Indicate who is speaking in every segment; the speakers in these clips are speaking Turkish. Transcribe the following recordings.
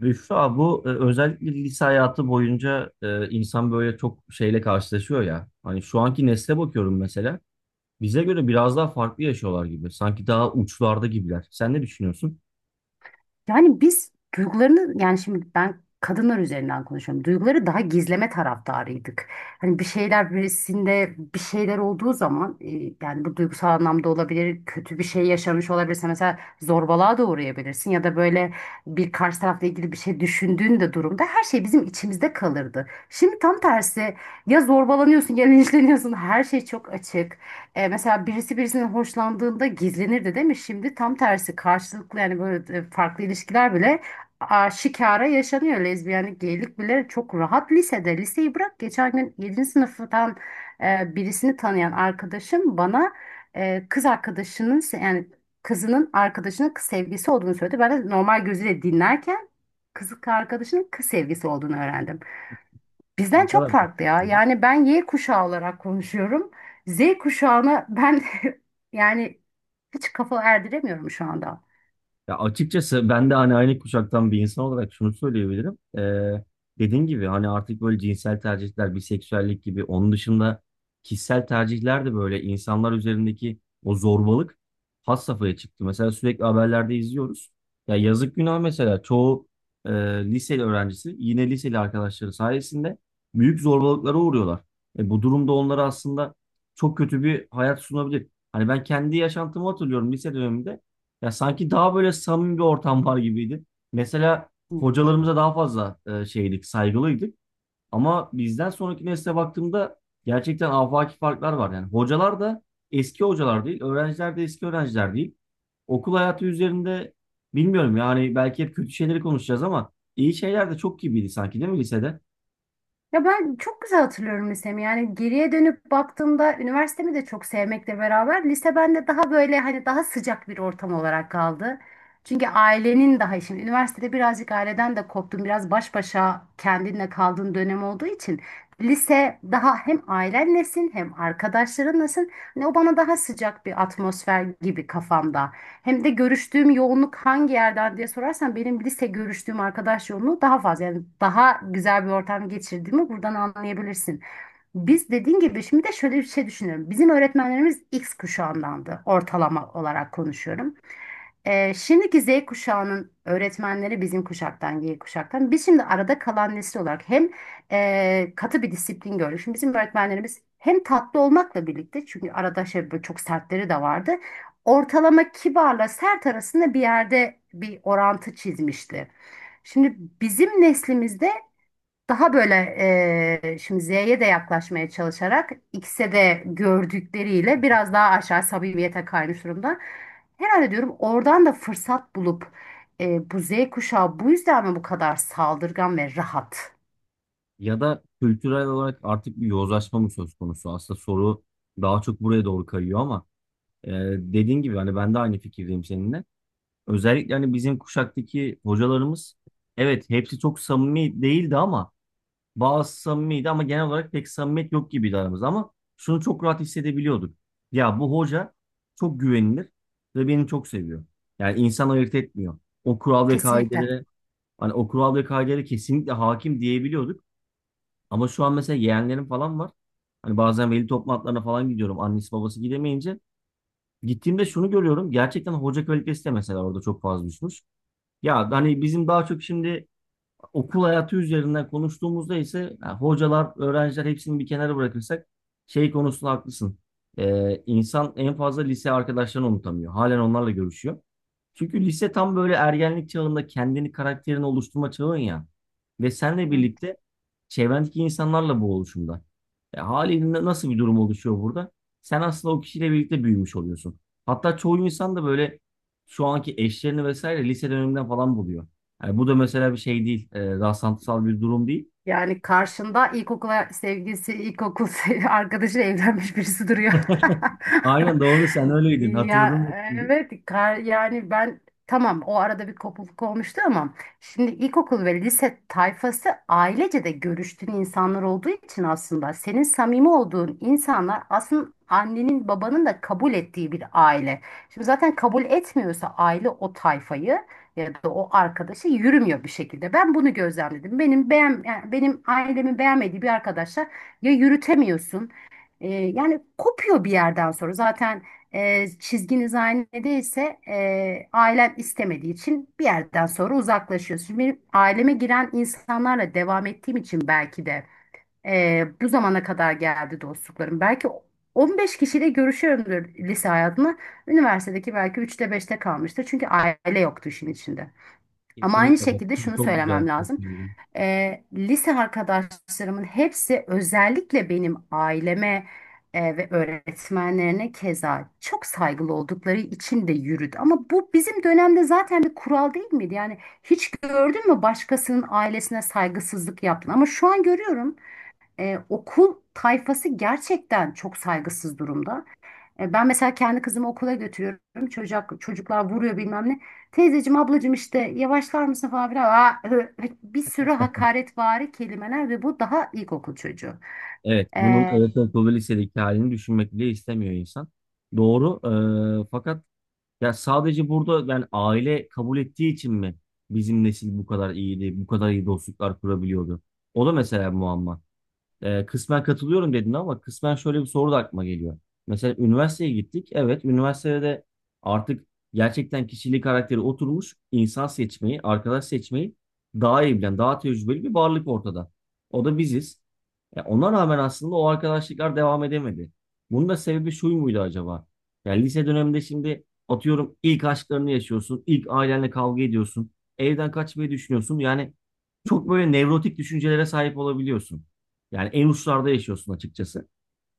Speaker 1: Büşra bu özellikle lise hayatı boyunca insan böyle çok şeyle karşılaşıyor ya. Hani şu anki nesle bakıyorum mesela. Bize göre biraz daha farklı yaşıyorlar gibi. Sanki daha uçlarda gibiler. Sen ne düşünüyorsun?
Speaker 2: Yani biz duygularını yani şimdi ben kadınlar üzerinden konuşuyorum. Duyguları daha gizleme taraftarıydık. Hani bir şeyler birisinde bir şeyler olduğu zaman yani bu duygusal anlamda olabilir, kötü bir şey yaşamış olabilirse mesela zorbalığa da uğrayabilirsin ya da böyle bir karşı tarafla ilgili bir şey düşündüğün de durumda her şey bizim içimizde kalırdı. Şimdi tam tersi, ya zorbalanıyorsun ya linçleniyorsun, her şey çok açık. Mesela birisi birisinin hoşlandığında gizlenirdi, değil mi? Şimdi tam tersi, karşılıklı, yani böyle farklı ilişkiler bile şikara yaşanıyor. Lezbiyenlik, geylik bile çok rahat lisede. Liseyi bırak, geçen gün yedinci sınıftan birisini tanıyan arkadaşım bana yani kızının arkadaşının kız sevgisi olduğunu söyledi. Ben de normal gözüyle dinlerken kız arkadaşının kız sevgisi olduğunu öğrendim. Bizden
Speaker 1: Ne
Speaker 2: çok
Speaker 1: kadar
Speaker 2: farklı ya.
Speaker 1: farklı?
Speaker 2: Yani ben Y kuşağı olarak konuşuyorum. Z kuşağına ben yani hiç kafa erdiremiyorum şu anda.
Speaker 1: Ya açıkçası ben de hani aynı kuşaktan bir insan olarak şunu söyleyebilirim. Dediğin gibi hani artık böyle cinsel tercihler, biseksüellik gibi onun dışında kişisel tercihler de böyle insanlar üzerindeki o zorbalık has safhaya çıktı. Mesela sürekli haberlerde izliyoruz. Ya yazık günah mesela çoğu e, liseli öğrencisi yine liseli arkadaşları sayesinde büyük zorbalıklara uğruyorlar. Bu durumda onlara aslında çok kötü bir hayat sunabilir. Hani ben kendi yaşantımı hatırlıyorum lise döneminde. Ya sanki daha böyle samimi bir ortam var gibiydi. Mesela
Speaker 2: Hı hı.
Speaker 1: hocalarımıza daha fazla şeydik, saygılıydık. Ama bizden sonraki nesle baktığımda gerçekten afaki farklar var. Yani hocalar da eski hocalar değil, öğrenciler de eski öğrenciler değil. Okul hayatı üzerinde bilmiyorum yani belki hep kötü şeyleri konuşacağız ama iyi şeyler de çok gibiydi sanki, değil mi lisede?
Speaker 2: Ya ben çok güzel hatırlıyorum lisemi. Yani geriye dönüp baktığımda üniversitemi de çok sevmekle beraber lise bende daha böyle, hani daha sıcak bir ortam olarak kaldı. Çünkü ailenin daha, şimdi üniversitede birazcık aileden de koptun, biraz baş başa kendinle kaldığın dönem olduğu için lise daha, hem ailenlesin hem arkadaşlarınlasın. Hani o bana daha sıcak bir atmosfer gibi kafamda. Hem de görüştüğüm yoğunluk hangi yerden diye sorarsan benim lise görüştüğüm arkadaş yoğunluğu daha fazla. Yani daha güzel bir ortam geçirdiğimi buradan anlayabilirsin. Biz, dediğin gibi, şimdi de şöyle bir şey düşünüyorum. Bizim öğretmenlerimiz X kuşağındandı, ortalama olarak konuşuyorum. Şimdiki Z kuşağının öğretmenleri bizim kuşaktan, Y kuşaktan. Biz şimdi arada kalan nesil olarak hem katı bir disiplin gördük. Şimdi bizim öğretmenlerimiz hem tatlı olmakla birlikte, çünkü arada şey, böyle çok sertleri de vardı. Ortalama kibarla sert arasında bir yerde bir orantı çizmişti. Şimdi bizim neslimizde daha böyle şimdi Z'ye de yaklaşmaya çalışarak, X'e de gördükleriyle biraz daha aşağı samimiyete kaymış durumda. Herhalde diyorum oradan da fırsat bulup bu Z kuşağı bu yüzden mi bu kadar saldırgan ve rahat?
Speaker 1: Ya da kültürel olarak artık bir yozlaşma mı söz konusu? Aslında soru daha çok buraya doğru kayıyor ama e, dediğin gibi hani ben de aynı fikirdeyim seninle. Özellikle hani bizim kuşaktaki hocalarımız evet hepsi çok samimi değildi ama bazı samimiydi ama genel olarak pek samimiyet yok gibiydi aramızda ama şunu çok rahat hissedebiliyorduk. Ya bu hoca çok güvenilir ve beni çok seviyor. Yani insan ayırt etmiyor. O kural ve
Speaker 2: Kesinlikle.
Speaker 1: kaidelere Hani o kural ve kaidelere kesinlikle hakim diyebiliyorduk. Ama şu an mesela yeğenlerim falan var. Hani bazen veli toplantılarına falan gidiyorum. Annesi babası gidemeyince. Gittiğimde şunu görüyorum. Gerçekten hoca kalitesi de mesela orada çok fazla düşmüş. Ya hani bizim daha çok şimdi okul hayatı üzerinden konuştuğumuzda ise ha, hocalar, öğrenciler hepsini bir kenara bırakırsak şey konusunda haklısın. İnsan en fazla lise arkadaşlarını unutamıyor. Halen onlarla görüşüyor. Çünkü lise tam böyle ergenlik çağında kendini karakterini oluşturma çağın ya. Ve senle birlikte çevrendeki insanlarla bu oluşumda. Haliyle nasıl bir durum oluşuyor burada? Sen aslında o kişiyle birlikte büyümüş oluyorsun. Hatta çoğu insan da böyle şu anki eşlerini vesaire lise döneminden falan buluyor. Yani bu da mesela bir şey değil. Rastlantısal bir durum değil.
Speaker 2: Yani karşında ilkokula sevgilisi, arkadaşıyla evlenmiş birisi duruyor.
Speaker 1: Aynen doğru, sen öyleydin.
Speaker 2: Ya
Speaker 1: Hatırladım şimdi.
Speaker 2: evet, yani ben, tamam, o arada bir kopukluk olmuştu, ama şimdi ilkokul ve lise tayfası ailece de görüştüğün insanlar olduğu için, aslında senin samimi olduğun insanlar aslında annenin babanın da kabul ettiği bir aile. Şimdi zaten kabul etmiyorsa aile o tayfayı ya da o arkadaşa, yürümüyor bir şekilde. Ben bunu gözlemledim. Yani benim ailemin beğenmediği bir arkadaşa ya, yürütemiyorsun. Yani kopuyor bir yerden sonra. Zaten çizginiz aynı değilse, ailen istemediği için bir yerden sonra uzaklaşıyorsun. Şimdi benim aileme giren insanlarla devam ettiğim için, belki de bu zamana kadar geldi dostluklarım. Belki 15 kişiyle görüşüyorumdur lise hayatımda. Üniversitedeki belki üçte beşte kalmıştır. Çünkü aile yoktu işin içinde. Ama aynı
Speaker 1: Kesinlikle, evet.
Speaker 2: şekilde
Speaker 1: Çok,
Speaker 2: şunu
Speaker 1: çok güzel.
Speaker 2: söylemem
Speaker 1: Çok
Speaker 2: lazım.
Speaker 1: güzel.
Speaker 2: Lise arkadaşlarımın hepsi özellikle benim aileme, ve öğretmenlerine keza çok saygılı oldukları için de yürüdü. Ama bu bizim dönemde zaten bir kural değil miydi? Yani hiç gördün mü başkasının ailesine saygısızlık yaptın? Ama şu an görüyorum okul tayfası gerçekten çok saygısız durumda. Ben mesela kendi kızımı okula götürüyorum. Çocuklar vuruyor bilmem ne. Teyzeciğim, ablacığım, işte yavaşlar mısın falan filan. Aa, hı, hı. Bir sürü hakaretvari kelimeler, ve bu daha ilkokul çocuğu.
Speaker 1: Evet. Bunun
Speaker 2: E,
Speaker 1: ortaokul ve lisedeki halini düşünmek bile istemiyor insan. Doğru. Fakat ya sadece burada yani aile kabul ettiği için mi bizim nesil bu kadar iyiydi, bu kadar iyi dostluklar kurabiliyordu? O da mesela muamma. Kısmen katılıyorum dedin ama kısmen şöyle bir soru da aklıma geliyor. Mesela üniversiteye gittik. Evet, üniversitede de artık gerçekten kişiliği karakteri oturmuş insan seçmeyi, arkadaş seçmeyi daha iyi bilen, daha tecrübeli bir varlık ortada. O da biziz. Ya ona rağmen aslında o arkadaşlıklar devam edemedi. Bunun da sebebi şu muydu acaba? Yani lise döneminde şimdi atıyorum ilk aşklarını yaşıyorsun, ilk ailenle kavga ediyorsun, evden kaçmayı düşünüyorsun. Yani çok böyle nevrotik düşüncelere sahip olabiliyorsun. Yani en uçlarda yaşıyorsun açıkçası.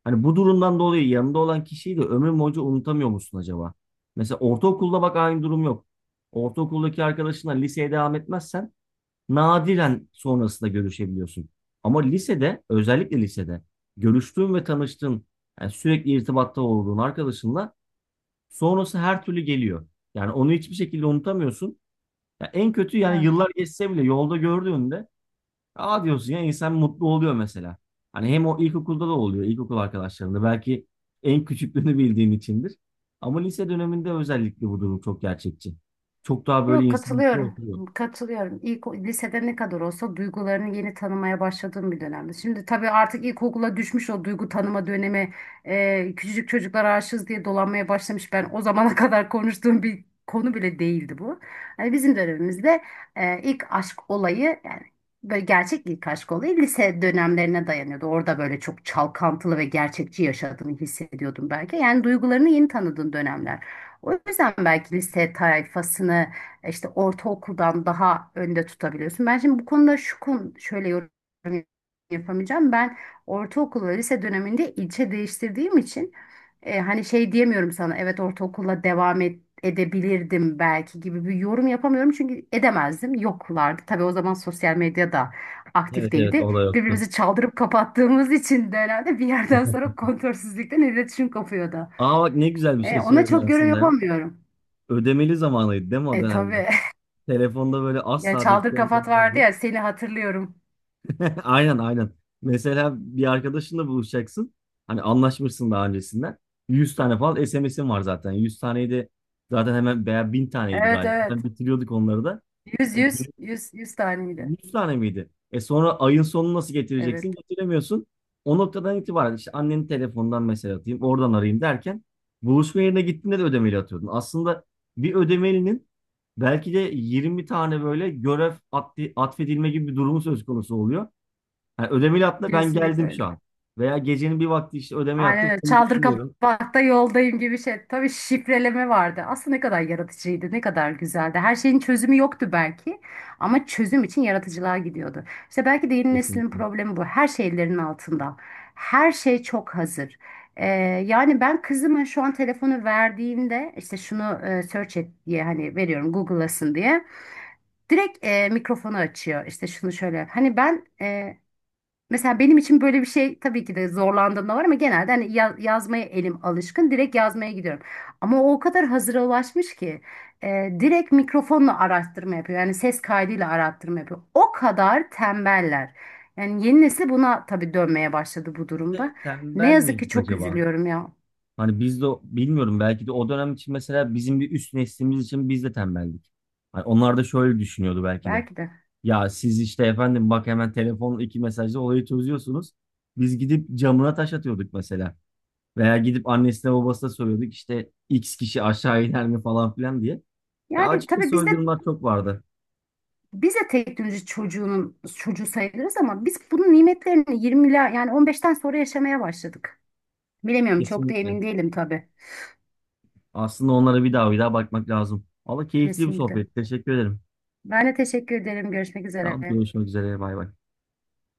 Speaker 1: Hani bu durumdan dolayı yanında olan kişiyi de ömür boyunca unutamıyor musun acaba? Mesela ortaokulda bak aynı durum yok. Ortaokuldaki arkadaşınla liseye devam etmezsen nadiren sonrasında görüşebiliyorsun. Ama lisede, özellikle lisede görüştüğün ve tanıştığın, yani sürekli irtibatta olduğun arkadaşınla sonrası her türlü geliyor. Yani onu hiçbir şekilde unutamıyorsun. Ya en kötü yani
Speaker 2: Evet.
Speaker 1: yıllar geçse bile yolda gördüğünde aa diyorsun ya, insan mutlu oluyor mesela. Hani hem o ilkokulda da oluyor, ilkokul arkadaşlarında belki en küçüklüğünü bildiğin içindir. Ama lise döneminde özellikle bu durum çok gerçekçi. Çok daha böyle
Speaker 2: Yok,
Speaker 1: insanın içine
Speaker 2: katılıyorum.
Speaker 1: oturuyor.
Speaker 2: Katılıyorum. İlk lisede ne kadar olsa duygularını yeni tanımaya başladığım bir dönemde. Şimdi tabii artık ilkokula düşmüş o duygu tanıma dönemi. Küçücük çocuklar aşığız diye dolanmaya başlamış. Ben o zamana kadar konuştuğum bir konu bile değildi bu. Hani bizim dönemimizde ilk aşk olayı, yani böyle gerçek ilk aşk olayı lise dönemlerine dayanıyordu. Orada böyle çok çalkantılı ve gerçekçi yaşadığını hissediyordum belki. Yani duygularını yeni tanıdığın dönemler. O yüzden belki lise tayfasını işte ortaokuldan daha önde tutabiliyorsun. Ben şimdi bu konuda, şu konu, şöyle yorum yapamayacağım. Ben ortaokul ve lise döneminde ilçe değiştirdiğim için hani şey diyemiyorum sana, evet ortaokulla devam et, edebilirdim belki gibi bir yorum yapamıyorum, çünkü edemezdim, yoklardı tabii o zaman, sosyal medya da
Speaker 1: Evet,
Speaker 2: aktif
Speaker 1: evet,
Speaker 2: değildi.
Speaker 1: o da yoktu.
Speaker 2: Birbirimizi çaldırıp kapattığımız için de herhalde bir yerden sonra kontrolsüzlükten iletişim kopuyordu.
Speaker 1: Aa bak ne güzel bir şey
Speaker 2: Ona
Speaker 1: söyledin
Speaker 2: çok yorum
Speaker 1: aslında ya.
Speaker 2: yapamıyorum.
Speaker 1: Ödemeli zamanıydı değil mi o dönemler?
Speaker 2: Tabii.
Speaker 1: Telefonda böyle
Speaker 2: Ya
Speaker 1: asla
Speaker 2: çaldır
Speaker 1: dakikanız
Speaker 2: kafat vardı
Speaker 1: olmazdı.
Speaker 2: ya, seni hatırlıyorum.
Speaker 1: Aynen, aynen. Mesela bir arkadaşınla buluşacaksın. Hani anlaşmışsın daha öncesinden. 100 tane falan SMS'in var zaten. 100 taneyi de zaten hemen veya 1000 taneydi
Speaker 2: Evet,
Speaker 1: galiba.
Speaker 2: evet.
Speaker 1: Ben bitiriyorduk onları da.
Speaker 2: Yüz,
Speaker 1: E,
Speaker 2: yüz, yüz, yüz taneydi.
Speaker 1: 100 tane miydi? E sonra ayın sonunu nasıl
Speaker 2: Evet,
Speaker 1: getireceksin? Getiremiyorsun. O noktadan itibaren işte annenin telefonundan mesaj atayım, oradan arayayım derken buluşma yerine gittiğinde de ödemeli atıyordun. Aslında bir ödemelinin belki de 20 tane böyle atfedilme gibi bir durumu söz konusu oluyor. Yani ödemeli atla ben
Speaker 2: kesinlikle
Speaker 1: geldim şu
Speaker 2: öyle.
Speaker 1: an. Veya gecenin bir vakti işte ödemeli
Speaker 2: Aynen
Speaker 1: attım.
Speaker 2: öyle.
Speaker 1: Seni
Speaker 2: Çaldır
Speaker 1: düşünüyorum.
Speaker 2: kapatta yoldayım gibi şey. Tabii şifreleme vardı. Aslında ne kadar yaratıcıydı, ne kadar güzeldi. Her şeyin çözümü yoktu belki, ama çözüm için yaratıcılığa gidiyordu. İşte belki de yeni neslin
Speaker 1: Kesinlikle.
Speaker 2: problemi bu. Her şey ellerinin altında. Her şey çok hazır. Ee, Yani ben kızıma şu an telefonu verdiğimde, işte şunu search et diye hani veriyorum, Google'lasın diye. Direkt mikrofonu açıyor. İşte şunu şöyle yap. Hani ben mesela benim için böyle bir şey, tabii ki de zorlandığımda var, ama genelde hani yazmaya elim alışkın. Direkt yazmaya gidiyorum. Ama o kadar hazıra ulaşmış ki direkt mikrofonla araştırma yapıyor. Yani ses kaydıyla araştırma yapıyor. O kadar tembeller. Yani yeni nesil buna tabii dönmeye başladı bu
Speaker 1: Biz de
Speaker 2: durumda. Ne
Speaker 1: tembel
Speaker 2: yazık ki
Speaker 1: miyiz
Speaker 2: çok
Speaker 1: acaba?
Speaker 2: üzülüyorum ya.
Speaker 1: Hani biz de bilmiyorum belki de o dönem için mesela bizim bir üst neslimiz için biz de tembeldik. Hani onlar da şöyle düşünüyordu belki de.
Speaker 2: Belki de.
Speaker 1: Ya siz işte efendim bak hemen telefonla 2 mesajla olayı çözüyorsunuz. Biz gidip camına taş atıyorduk mesela. Veya gidip annesine babasına soruyorduk işte X kişi aşağı iner mi falan filan diye. Ya
Speaker 2: Yani tabii
Speaker 1: açıkçası
Speaker 2: bizde.
Speaker 1: öyle durumlar çok vardı.
Speaker 2: Biz de teknoloji çocuğunun çocuğu sayılırız ama biz bunun nimetlerini 20'ler, yani 15'ten sonra yaşamaya başladık. Bilemiyorum, çok da
Speaker 1: Kesinlikle.
Speaker 2: emin değilim tabii.
Speaker 1: Aslında onlara bir daha bir daha bakmak lazım. Valla keyifli bir
Speaker 2: Kesinlikle.
Speaker 1: sohbet. Teşekkür ederim.
Speaker 2: Ben de teşekkür ederim. Görüşmek
Speaker 1: Tamam,
Speaker 2: üzere.
Speaker 1: görüşmek üzere. Bay bay.